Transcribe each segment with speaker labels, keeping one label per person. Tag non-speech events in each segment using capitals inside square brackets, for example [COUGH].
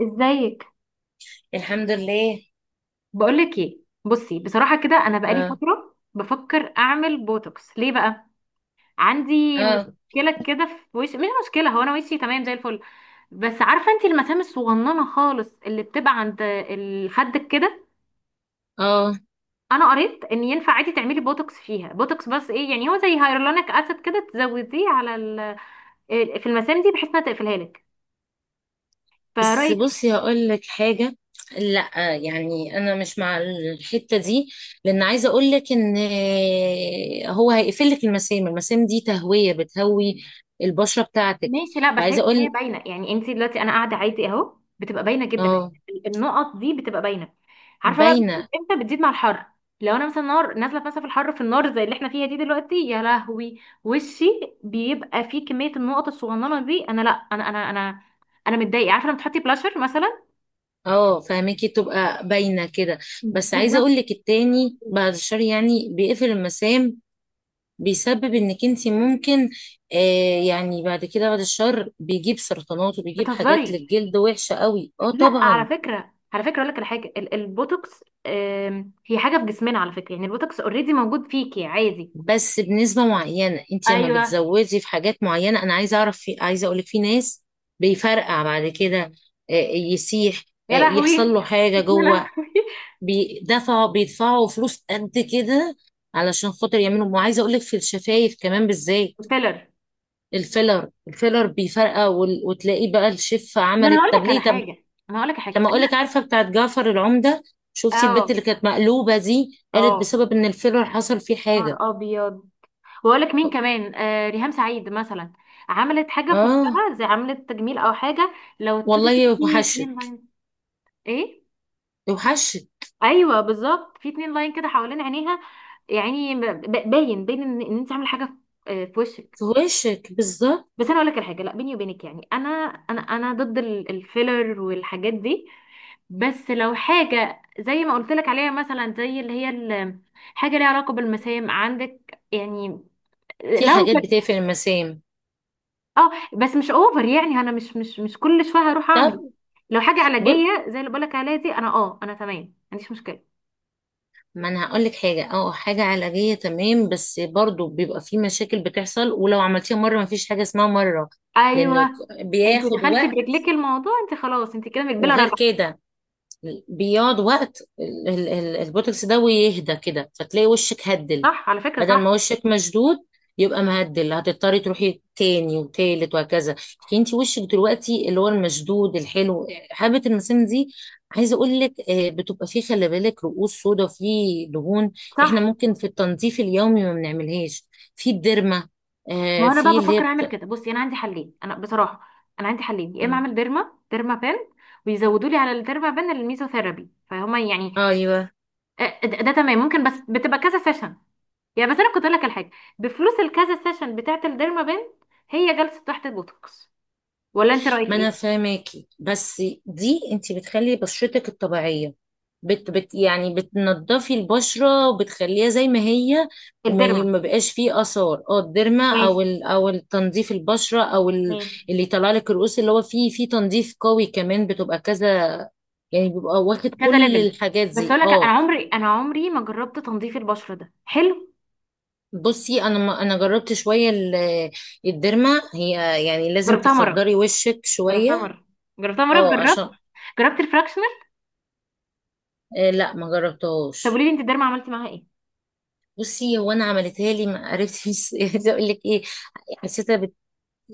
Speaker 1: ازيك؟
Speaker 2: الحمد لله.
Speaker 1: بقولك ايه، بصي، بصراحة كده انا بقالي
Speaker 2: اه
Speaker 1: فترة بفكر اعمل بوتوكس. ليه بقى؟ عندي
Speaker 2: اه
Speaker 1: مشكلة كده في وشي. مش مشكلة، هو انا وشي تمام زي الفل، بس عارفة انتي المسام الصغننة خالص اللي بتبقى عند الخد كده.
Speaker 2: اه.
Speaker 1: انا قريت ان ينفع عادي تعملي بوتوكس فيها، بوتوكس بس ايه يعني، هو زي هيرولونيك اسيد كده تزوديه على ال... في المسام دي بحيث انها تقفلها لك.
Speaker 2: بس
Speaker 1: فرأيك؟
Speaker 2: بصي، هقول لك حاجة. لا يعني انا مش مع الحتة دي، لان عايزة اقول لك ان هو هيقفل لك المسام. المسام دي تهوية، بتهوي البشرة بتاعتك.
Speaker 1: ماشي، لا بس هي
Speaker 2: فعايزة
Speaker 1: بس هي
Speaker 2: اقول.
Speaker 1: باينه، يعني انت دلوقتي انا قاعده عادي اهو بتبقى باينه جدا.
Speaker 2: اه.
Speaker 1: النقط دي بتبقى باينه. عارفه بقى بتزيد
Speaker 2: باينة.
Speaker 1: امتى؟ بتزيد مع الحر، لو انا مثلا نار نازله مثلا في الحر، في النار زي اللي احنا فيها دي دلوقتي، يا لهوي وشي بيبقى فيه كميه النقط الصغننه دي. انا لا، انا متضايقه، عارفه لما تحطي بلاشر مثلا.
Speaker 2: اه، فاهمكي، تبقى باينة كده. بس عايزة
Speaker 1: بالظبط.
Speaker 2: اقول لك التاني، بعد الشر يعني بيقفل المسام، بيسبب انك انت ممكن، آه يعني بعد كده بعد الشر بيجيب سرطانات وبيجيب حاجات
Speaker 1: بتهزري؟
Speaker 2: للجلد وحشة قوي. اه
Speaker 1: لا، على
Speaker 2: طبعا،
Speaker 1: فكره، على فكره اقول لك على حاجه، البوتوكس، هي حاجه في جسمنا على فكره، يعني البوتوكس اوريدي موجود فيكي عادي.
Speaker 2: بس بنسبة معينة. انت لما
Speaker 1: ايوه.
Speaker 2: بتزودي في حاجات معينة، انا عايزة اعرف، في عايزة اقولك في ناس بيفرقع بعد كده. آه يسيح، آه
Speaker 1: يا لهوي
Speaker 2: يحصل له حاجة
Speaker 1: يا
Speaker 2: جوه.
Speaker 1: لهوي.
Speaker 2: بيدفعوا بيدفعوا فلوس قد كده علشان خاطر يعملوا. وعايزة اقولك في الشفايف كمان بالذات.
Speaker 1: فيلر.
Speaker 2: الفيلر بيفرقع، وتلاقيه بقى الشفة
Speaker 1: ما انا
Speaker 2: عملت،
Speaker 1: هقول
Speaker 2: طب
Speaker 1: لك على
Speaker 2: ليه؟ طب
Speaker 1: حاجه، انا هقول لك على حاجه
Speaker 2: لما اقول لك،
Speaker 1: انا.
Speaker 2: عارفه بتاعت جعفر العمده؟ شفتي البت
Speaker 1: اه،
Speaker 2: اللي كانت مقلوبه دي؟ قالت
Speaker 1: اه،
Speaker 2: بسبب ان الفيلر حصل فيه حاجه.
Speaker 1: نهار ابيض. واقول لك مين كمان، آه ريهام سعيد مثلا، عملت حاجه في
Speaker 2: اه
Speaker 1: وشها، زي عملت تجميل او حاجه. لو تشوفي كده في
Speaker 2: والله وحشت.
Speaker 1: اتنين لاين. ايه؟
Speaker 2: وحشت.
Speaker 1: ايوه، بالظبط في اتنين لاين كده حوالين عينيها. يعني باين إن انت عامله حاجه في، في وشك.
Speaker 2: في وشك
Speaker 1: بس
Speaker 2: بالظبط.
Speaker 1: انا اقول لك الحاجه، لا بيني وبينك يعني، انا، انا ضد الفيلر والحاجات دي. بس لو حاجه زي ما قلت لك عليها مثلا، زي اللي هي حاجه ليها علاقه بالمسام عندك يعني،
Speaker 2: في
Speaker 1: لو
Speaker 2: حاجات
Speaker 1: كانت.
Speaker 2: بتقفل المسام.
Speaker 1: اه بس مش اوفر، يعني انا مش كل شويه هروح
Speaker 2: طب،
Speaker 1: اعمل. لو حاجه
Speaker 2: ب-
Speaker 1: علاجيه زي اللي بقول لك عليها دي، انا، انا تمام، ما عنديش مشكله.
Speaker 2: ما انا هقول لك حاجه، اه حاجه علاجيه تمام، بس برضو بيبقى في مشاكل بتحصل. ولو عملتيها مره، ما فيش حاجه اسمها مره،
Speaker 1: ايوه.
Speaker 2: لانه
Speaker 1: انت
Speaker 2: بياخد
Speaker 1: دخلتي
Speaker 2: وقت.
Speaker 1: برجلك الموضوع، انت خلاص انت كده مقبله
Speaker 2: وغير
Speaker 1: راجعه.
Speaker 2: كده بيقعد وقت البوتوكس ده، ويهدى كده، فتلاقي وشك هدل
Speaker 1: صح على فكره،
Speaker 2: بدل ما
Speaker 1: صح.
Speaker 2: وشك مشدود. يبقى مهدل، هتضطري تروحي تاني وتالت وهكذا. لكن انت وشك دلوقتي اللي هو المشدود الحلو. حبة المسام دي، عايزه اقول لك بتبقى فيه، خلي بالك، رؤوس سودا وفيه دهون. احنا
Speaker 1: صح.
Speaker 2: ممكن في التنظيف اليومي ما بنعملهاش، في الديرما،
Speaker 1: ما هو انا
Speaker 2: في
Speaker 1: بقى
Speaker 2: اللي هي
Speaker 1: بفكر اعمل كده. بصي انا عندي حلين. انا بصراحه انا عندي حلين، يا اما
Speaker 2: آه،
Speaker 1: اعمل ديرما، ديرما بان، ويزودوا لي على الديرما بان الميزوثيرابي، فهما يعني.
Speaker 2: ايوه.
Speaker 1: ده تمام، ممكن، بس بتبقى كذا سيشن يعني. بس انا كنت اقول لك الحاجه، بفلوس الكذا سيشن بتاعه الديرما بان هي جلسه تحت البوتوكس. ولا انت رايك
Speaker 2: ما انا
Speaker 1: ايه؟
Speaker 2: فاهماكي، بس دي انت بتخلي بشرتك الطبيعيه، بت يعني بتنضفي البشره وبتخليها زي ما هي.
Speaker 1: الديرما.
Speaker 2: ما بقاش فيه اثار، اه الديرما او
Speaker 1: ماشي
Speaker 2: ال او التنظيف البشره او ال،
Speaker 1: ماشي،
Speaker 2: اللي يطلع لك الرؤوس، اللي هو فيه فيه تنظيف قوي كمان، بتبقى كذا يعني، بيبقى واخد
Speaker 1: كذا
Speaker 2: كل
Speaker 1: ليفل.
Speaker 2: الحاجات
Speaker 1: بس
Speaker 2: دي.
Speaker 1: اقول لك، انا
Speaker 2: اه.
Speaker 1: عمري، انا عمري ما جربت تنظيف البشره، ده حلو.
Speaker 2: بصي انا، ما انا جربت شويه الديرما. هي يعني لازم
Speaker 1: جربتها مره
Speaker 2: تخدري وشك
Speaker 1: جربتها
Speaker 2: شويه.
Speaker 1: مره جربتها مره،
Speaker 2: اه عشان.
Speaker 1: جربت الفراكشنر.
Speaker 2: آه لا ما
Speaker 1: طب
Speaker 2: جربتهاش.
Speaker 1: قولي لي انت الديرما عملتي معاها ايه؟
Speaker 2: بصي هو انا عملتها لي ما عرفتش [LAUGHS] عايزه اقول لك ايه، حسيتها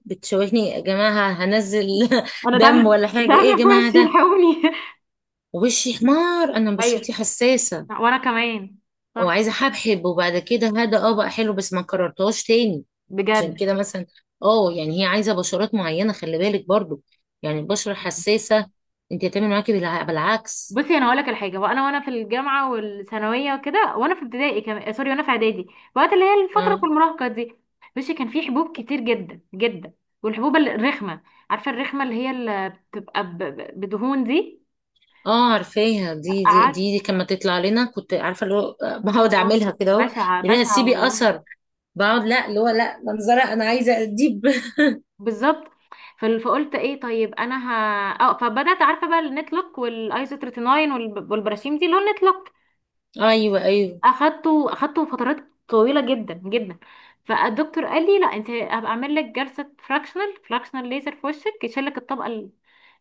Speaker 2: بتشوشني يا جماعه، هنزل. [LAUGHS]
Speaker 1: انا
Speaker 2: دم
Speaker 1: دم،
Speaker 2: ولا حاجه؟ ايه يا
Speaker 1: دم في
Speaker 2: جماعه
Speaker 1: وشي
Speaker 2: ده؟
Speaker 1: الحقوني.
Speaker 2: وشي حمار، انا
Speaker 1: [LAUGHS] ايوه،
Speaker 2: بشرتي حساسه،
Speaker 1: وانا كمان. صح.
Speaker 2: وعايزه حبحب. وبعد كده هذا اه بقى حلو، بس ما كررتهاش تاني. عشان
Speaker 1: بجد.
Speaker 2: كده مثلا، اه يعني هي عايزه بشرات معينه، خلي بالك برضو، يعني البشره حساسه، انت هتعمل معاكي بالعكس.
Speaker 1: بصي انا هقول لك الحاجه، وانا في الجامعه والثانويه وكده، وانا في ابتدائي كمان، سوري، وانا في اعدادي، وقت اللي هي الفتره في
Speaker 2: اه.
Speaker 1: المراهقه دي. بصي كان في حبوب كتير جدا جدا، والحبوب الرخمه، عارفه الرخمه اللي هي اللي بتبقى بدهون دي.
Speaker 2: اه عارفاها دي، دي
Speaker 1: عارفه؟
Speaker 2: دي, دي كما تطلع لنا، كنت عارفه اللي هو بقعد
Speaker 1: خرابي،
Speaker 2: اعملها كده اهو.
Speaker 1: بشعه
Speaker 2: ليها
Speaker 1: بشعه
Speaker 2: سيبي
Speaker 1: والله.
Speaker 2: اثر. بقعد، لا اللي هو لا، منظره انا عايزه اديب [LAUGHS]
Speaker 1: بالظبط. فقلت ايه طيب، انا ه... اه فبدات عارفه بقى النتلوك والايزوتريتيناين والبراشيم دي، اللون نتلوك.
Speaker 2: ايوه ايوه.
Speaker 1: اخدته فترات طويله جدا جدا. فالدكتور قال لي لا انت هبقى اعمل لك جلسه فراكشنال ليزر في وشك، يشيل لك الطبقه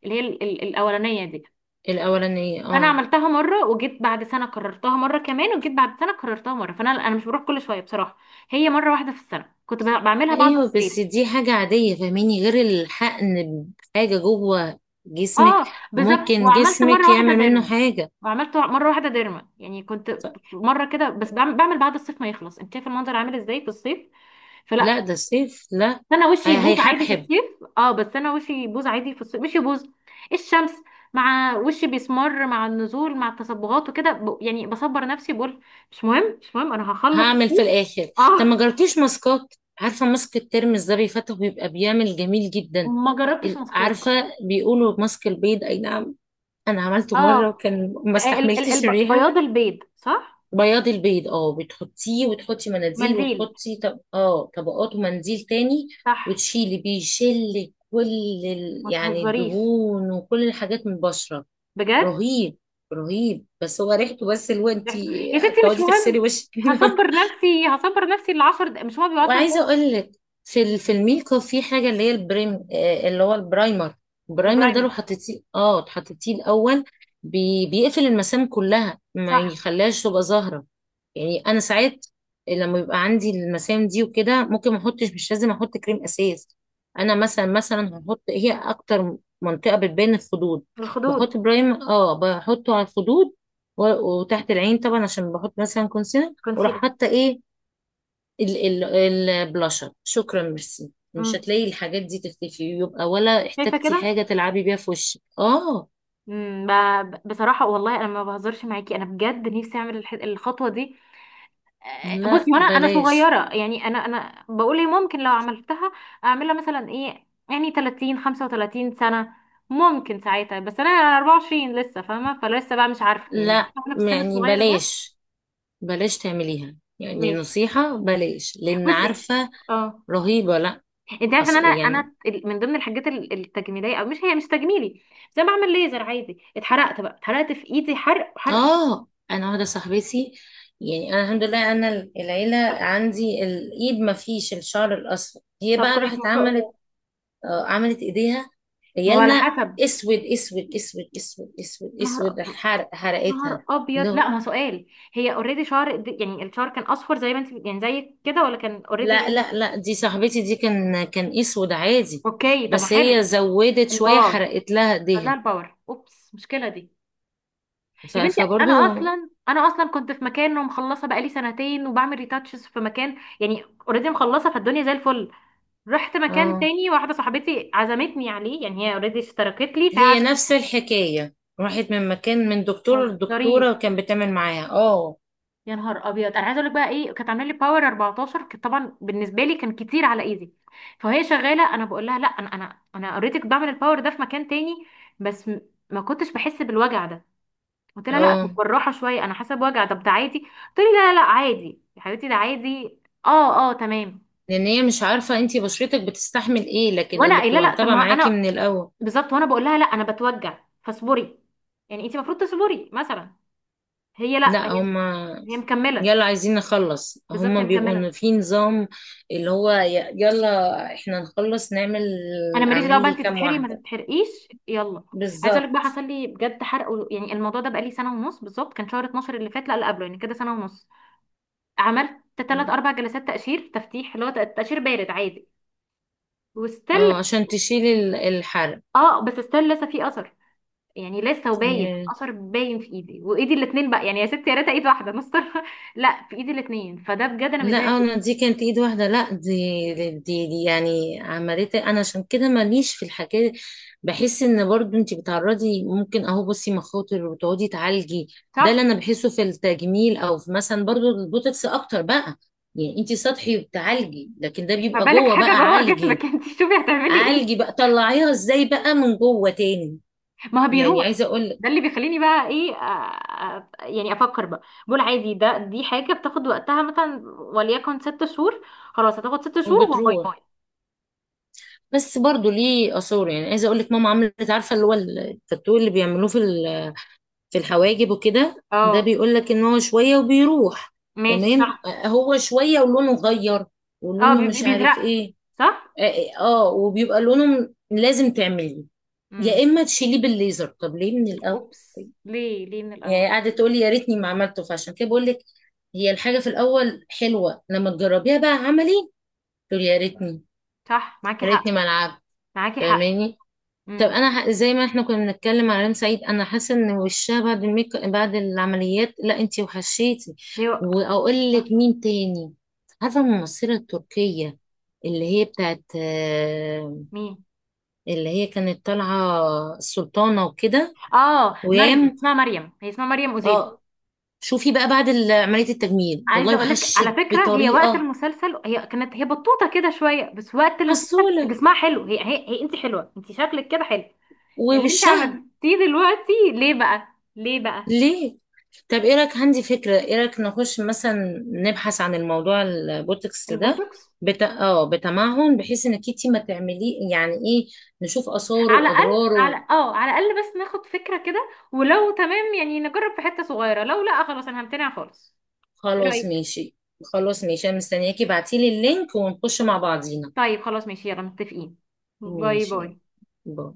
Speaker 1: اللي هي الاولانيه دي.
Speaker 2: الاولانيه
Speaker 1: انا
Speaker 2: اه.
Speaker 1: عملتها مره وجيت بعد سنه كررتها مره كمان، وجيت بعد سنه كررتها مره. فانا مش بروح كل شويه بصراحه، هي مره واحده في السنه كنت بعملها بعد
Speaker 2: ايوه
Speaker 1: الصيف.
Speaker 2: بس دي حاجه عاديه، فاهميني؟ غير الحقن بحاجه جوه جسمك،
Speaker 1: اه، بالظبط،
Speaker 2: وممكن
Speaker 1: وعملت
Speaker 2: جسمك
Speaker 1: مره واحده
Speaker 2: يعمل منه
Speaker 1: ديرما.
Speaker 2: حاجه.
Speaker 1: وعملت مره واحده ديرما يعني، كنت مره كده، بس بعمل بعد الصيف ما يخلص، انت شايفه المنظر عامل ازاي في الصيف؟
Speaker 2: لا
Speaker 1: فلا.
Speaker 2: ده سيف لا.
Speaker 1: بس انا
Speaker 2: آه،
Speaker 1: وشي يبوظ عادي في
Speaker 2: هيحبحب.
Speaker 1: الصيف. اه بس انا وشي يبوظ عادي في الصيف، مش يبوظ الشمس مع وشي، بيسمر، مع النزول مع التصبغات وكده، يعني بصبر نفسي، بقول مش مهم، مش مهم، انا هخلص
Speaker 2: هعمل في
Speaker 1: الصيف.
Speaker 2: الاخر.
Speaker 1: اه.
Speaker 2: طب ما جربتيش ماسكات؟ عارفه ماسك الترمس ده بيفتح، ويبقى بيعمل جميل جدا.
Speaker 1: ما جربتش
Speaker 2: عارفه،
Speaker 1: مسكار.
Speaker 2: بيقولوا ماسك البيض، اي نعم، انا عملته مره
Speaker 1: اه،
Speaker 2: وكان ما استحملتش الريحه.
Speaker 1: بياض البيض صح.
Speaker 2: بياض البيض، اه، بتحطيه وتحطي مناديل
Speaker 1: منديل.
Speaker 2: وتحطي، طب اه طبقات ومنديل تاني،
Speaker 1: صح.
Speaker 2: وتشيلي، بيشل كل
Speaker 1: ما
Speaker 2: يعني
Speaker 1: تهزريش،
Speaker 2: الدهون وكل الحاجات من البشرة.
Speaker 1: بجد.
Speaker 2: رهيب. رهيب، بس هو ريحته، بس اللي هو انت
Speaker 1: ضحك. يا ستي مش
Speaker 2: تقعدي تغسلي
Speaker 1: مهم.
Speaker 2: وشك منه.
Speaker 1: هصبر نفسي العشر دقايق، مش هو
Speaker 2: [LAUGHS]
Speaker 1: بيبقى 10
Speaker 2: وعايزه
Speaker 1: دقايق.
Speaker 2: اقول لك، في في الميك اب في حاجه اللي هي البريم، اللي هو البرايمر. البرايمر ده لو
Speaker 1: البرايمر.
Speaker 2: حطيتيه، اه حطيتيه الاول، بيقفل المسام كلها، ما
Speaker 1: صح.
Speaker 2: يخليهاش تبقى ظاهره. يعني انا ساعات لما بيبقى عندي المسام دي وكده، ممكن ما احطش، مش لازم احط كريم اساس. انا مثلا، مثلا هحط، هي اكتر منطقه بتبان الخدود،
Speaker 1: الخدود.
Speaker 2: بحط برايم، اه بحطه على الخدود، وتحت العين طبعا، عشان بحط مثلا كونسيلر، وراح
Speaker 1: كونسيلر.
Speaker 2: حاطه ايه ال البلاشر. شكرا، ميرسي، مش
Speaker 1: امم،
Speaker 2: هتلاقي الحاجات دي تختفي. يبقى ولا
Speaker 1: شايفه
Speaker 2: احتاجتي حاجه
Speaker 1: كده.
Speaker 2: تلعبي بيها في وشك. اه
Speaker 1: امم، بصراحه والله انا ما بهزرش معاكي، انا بجد نفسي اعمل الخطوه دي.
Speaker 2: لا،
Speaker 1: بصي وانا
Speaker 2: بلاش.
Speaker 1: صغيره يعني، انا بقول ايه، ممكن لو عملتها اعملها مثلا ايه يعني 30 35 سنه، ممكن ساعتها، بس انا 24 لسه، فاهمه؟ فلسه بقى مش عارفه يعني،
Speaker 2: لا
Speaker 1: عارفه احنا في السن
Speaker 2: يعني
Speaker 1: الصغير ده.
Speaker 2: بلاش، بلاش تعمليها، يعني
Speaker 1: ماشي.
Speaker 2: نصيحة بلاش، لأن
Speaker 1: بصي.
Speaker 2: عارفة
Speaker 1: اه.
Speaker 2: رهيبة. لا.
Speaker 1: انت عارف ان انا،
Speaker 2: يعني،
Speaker 1: انا من ضمن الحاجات التجميليه، او مش، هي مش تجميلي، بس انا بعمل ليزر عادي. اتحرقت بقى، اتحرقت في ايدي حرق حرق.
Speaker 2: آه أنا واحدة صاحبتي، يعني أنا الحمد لله أنا العيلة عندي الإيد ما فيش الشعر الأصفر. هي
Speaker 1: طب
Speaker 2: بقى
Speaker 1: كويس،
Speaker 2: راحت
Speaker 1: ما شاء
Speaker 2: عملت،
Speaker 1: الله.
Speaker 2: آه عملت إيديها.
Speaker 1: ما هو على
Speaker 2: عيالنا
Speaker 1: حسب.
Speaker 2: أسود أسود أسود، أسود أسود
Speaker 1: نهار
Speaker 2: أسود حرق حرقتها.
Speaker 1: نهار ابيض،
Speaker 2: لا
Speaker 1: لا ما هو سؤال. هي اوريدي شعر، يعني الشعر كان اصفر زي ما انت يعني زي كده، ولا كان اوريدي
Speaker 2: لا
Speaker 1: غني؟
Speaker 2: لا لا دي صاحبتي دي، كان كان أسود عادي،
Speaker 1: اوكي طب ما
Speaker 2: بس هي
Speaker 1: حلو.
Speaker 2: زودت شوية،
Speaker 1: الباور.
Speaker 2: حرقت لها
Speaker 1: لا
Speaker 2: إيديها.
Speaker 1: الباور، اوبس، مشكله دي. يا بنتي، انا
Speaker 2: فبرضو.
Speaker 1: اصلا، كنت في مكان ومخلصه بقالي سنتين، وبعمل ريتاتشز في مكان يعني اوريدي مخلصه، فالدنيا زي الفل. رحت مكان
Speaker 2: اه
Speaker 1: تاني، واحدة صاحبتي عزمتني عليه، يعني هي اوريدي اشتركت لي.
Speaker 2: هي نفس الحكاية، راحت من مكان، من دكتور لدكتورة،
Speaker 1: فمتهزريش
Speaker 2: وكان بتعمل معاها. اه.
Speaker 1: يا نهار ابيض، انا عايزه اقول لك بقى ايه، كانت عامله لي باور 14، كانت طبعا بالنسبه لي كان كتير على ايدي. فهي شغاله، انا بقول لها لا، انا، انا اوريدي كنت بعمل الباور ده في مكان تاني، بس ما كنتش بحس بالوجع ده. قلت لها لا، طب
Speaker 2: اه
Speaker 1: بالراحه شويه انا حاسه بوجع، طب ده عادي؟ قلت لي لا لا لا عادي يا حبيبتي، ده عادي. اه، اه، تمام.
Speaker 2: لان هي مش عارفة انتي بشرتك بتستحمل ايه، لكن
Speaker 1: وانا
Speaker 2: اللي
Speaker 1: قايله
Speaker 2: بتبقى
Speaker 1: لا، طب
Speaker 2: متابعة
Speaker 1: ما
Speaker 2: معاكي من
Speaker 1: انا،
Speaker 2: الاول.
Speaker 1: بالظبط وانا بقول لها لا انا بتوجع فاصبري، يعني انت المفروض تصبري مثلا. هي لا،
Speaker 2: لا
Speaker 1: هي،
Speaker 2: هما.
Speaker 1: هي مكمله.
Speaker 2: يلا عايزين نخلص،
Speaker 1: بالظبط،
Speaker 2: هما
Speaker 1: هي
Speaker 2: بيبقوا
Speaker 1: مكمله.
Speaker 2: إن في نظام، اللي هو يلا احنا نخلص نعمل.
Speaker 1: انا ماليش دعوه
Speaker 2: اعمل
Speaker 1: بقى،
Speaker 2: لي
Speaker 1: انت
Speaker 2: كام
Speaker 1: تتحرقي ما
Speaker 2: واحدة.
Speaker 1: تتحرقيش، يلا. عايزه اقول لك بقى،
Speaker 2: بالظبط.
Speaker 1: حصل لي بجد حرق يعني، الموضوع ده بقى لي سنه ونص بالظبط، كان شهر 12 اللي فات، لا اللي قبله، يعني كده سنه ونص. عملت 3 4 جلسات تقشير تفتيح، اللي هو تقشير بارد عادي. وستيل،
Speaker 2: اه عشان تشيلي الحرق.
Speaker 1: اه بس ستيل لسه في اثر، يعني لسه، وباين الاثر، باين في ايدي وايدي الاتنين بقى، يعني يا ستي يا ريت ايد واحده مستر. [LAUGHS] لا في ايدي الاتنين، فده بجد انا
Speaker 2: لا
Speaker 1: متضايقه
Speaker 2: آه،
Speaker 1: جداً.
Speaker 2: انا دي كانت ايد واحده. لا دي، دي يعني عملتها انا، عشان كده ماليش في الحكايه. بحس ان برضو انت بتعرضي، ممكن اهو بصي مخاطر، وتقعدي تعالجي. ده
Speaker 1: صح.
Speaker 2: اللي انا بحسه في التجميل، او في مثلا برضو البوتوكس اكتر بقى. يعني انت سطحي وبتعالجي، لكن ده بيبقى
Speaker 1: فبالك
Speaker 2: جوه
Speaker 1: حاجه
Speaker 2: بقى،
Speaker 1: جوه [LAUGHS]
Speaker 2: عالجي.
Speaker 1: جسمك، انت شوفي هتعملي ايه.
Speaker 2: عالجي بقى، طلعيها ازاي بقى من جوه تاني.
Speaker 1: ما هو
Speaker 2: يعني
Speaker 1: بيروح.
Speaker 2: عايزه اقول لك
Speaker 1: ده اللي بيخليني بقى ايه، يعني افكر بقى، بقول عادي ده، حاجه بتاخد وقتها مثلا وليكن ست شهور، خلاص هتاخد ست شهور وباي
Speaker 2: وبتروح.
Speaker 1: باي.
Speaker 2: بس برضو ليه اثار. يعني عايزه اقول لك، ماما عملت، عارفه اللي هو التاتو اللي بيعملوه في في الحواجب وكده، ده
Speaker 1: اه،
Speaker 2: بيقول لك ان هو شويه وبيروح.
Speaker 1: ماشي،
Speaker 2: تمام.
Speaker 1: صح.
Speaker 2: آه، هو شويه ولونه غير،
Speaker 1: اه،
Speaker 2: ولونه مش
Speaker 1: بيزرق.
Speaker 2: عارف ايه.
Speaker 1: صح.
Speaker 2: اه آه، آه، وبيبقى لونه لازم تعمليه، يا
Speaker 1: امم.
Speaker 2: اما تشيليه بالليزر. طب ليه من الاول؟
Speaker 1: اوبس، ليه ليه من الاول؟
Speaker 2: يعني قاعده تقولي يا ريتني ما عملته. فعشان كده بقول لك، هي الحاجه في الاول حلوه لما تجربيها، بقى عملي تقولي يا ريتني،
Speaker 1: صح، معاكي
Speaker 2: يا ريتني
Speaker 1: حق،
Speaker 2: ما العبت.
Speaker 1: معاكي حق.
Speaker 2: فاهماني؟ طب
Speaker 1: امم.
Speaker 2: انا زي ما احنا كنا بنتكلم على ريم سعيد، انا حاسه ان وشها بعد الميك، بعد العمليات. لا انتي وحشيتي.
Speaker 1: ليه؟
Speaker 2: واقول لك مين تاني، عارفه الممثله التركيه اللي هي بتاعت
Speaker 1: مين؟
Speaker 2: اللي هي كانت طالعه السلطانه وكده؟
Speaker 1: اه مريم،
Speaker 2: ويام.
Speaker 1: اسمها مريم، هي اسمها مريم أوزيل.
Speaker 2: اه. شوفي بقى بعد عمليه التجميل والله
Speaker 1: عايزه اقول لك على
Speaker 2: وحشت
Speaker 1: فكره، هي وقت
Speaker 2: بطريقه.
Speaker 1: المسلسل هي كانت، هي بطوطه كده شويه، بس وقت المسلسل
Speaker 2: عسوله.
Speaker 1: جسمها حلو، هي انت حلوه، انت شكلك كده حلو. اللي انت
Speaker 2: ووشها.
Speaker 1: عملتيه دلوقتي ليه بقى؟ ليه بقى؟
Speaker 2: ليه؟ طب ايه رأيك؟ عندي فكرة. ايه رأيك نخش مثلا نبحث عن الموضوع البوتوكس ده،
Speaker 1: البوتوكس.
Speaker 2: اه بتمعن، بحيث انك انتي ما تعمليه يعني، ايه، نشوف آثاره
Speaker 1: على الاقل. على،
Speaker 2: وأضراره.
Speaker 1: على الاقل بس ناخد فكره كده، ولو تمام يعني نجرب في حته صغيره، لو لا خلاص انا همتنع خالص. ايه
Speaker 2: خلاص
Speaker 1: رايك؟
Speaker 2: ماشي. خلاص ماشي، انا مستنياكي ابعتيلي اللينك ونخش مع بعضينا.
Speaker 1: طيب خلاص ماشي، يلا متفقين. باي
Speaker 2: ماشي،
Speaker 1: باي.
Speaker 2: باي.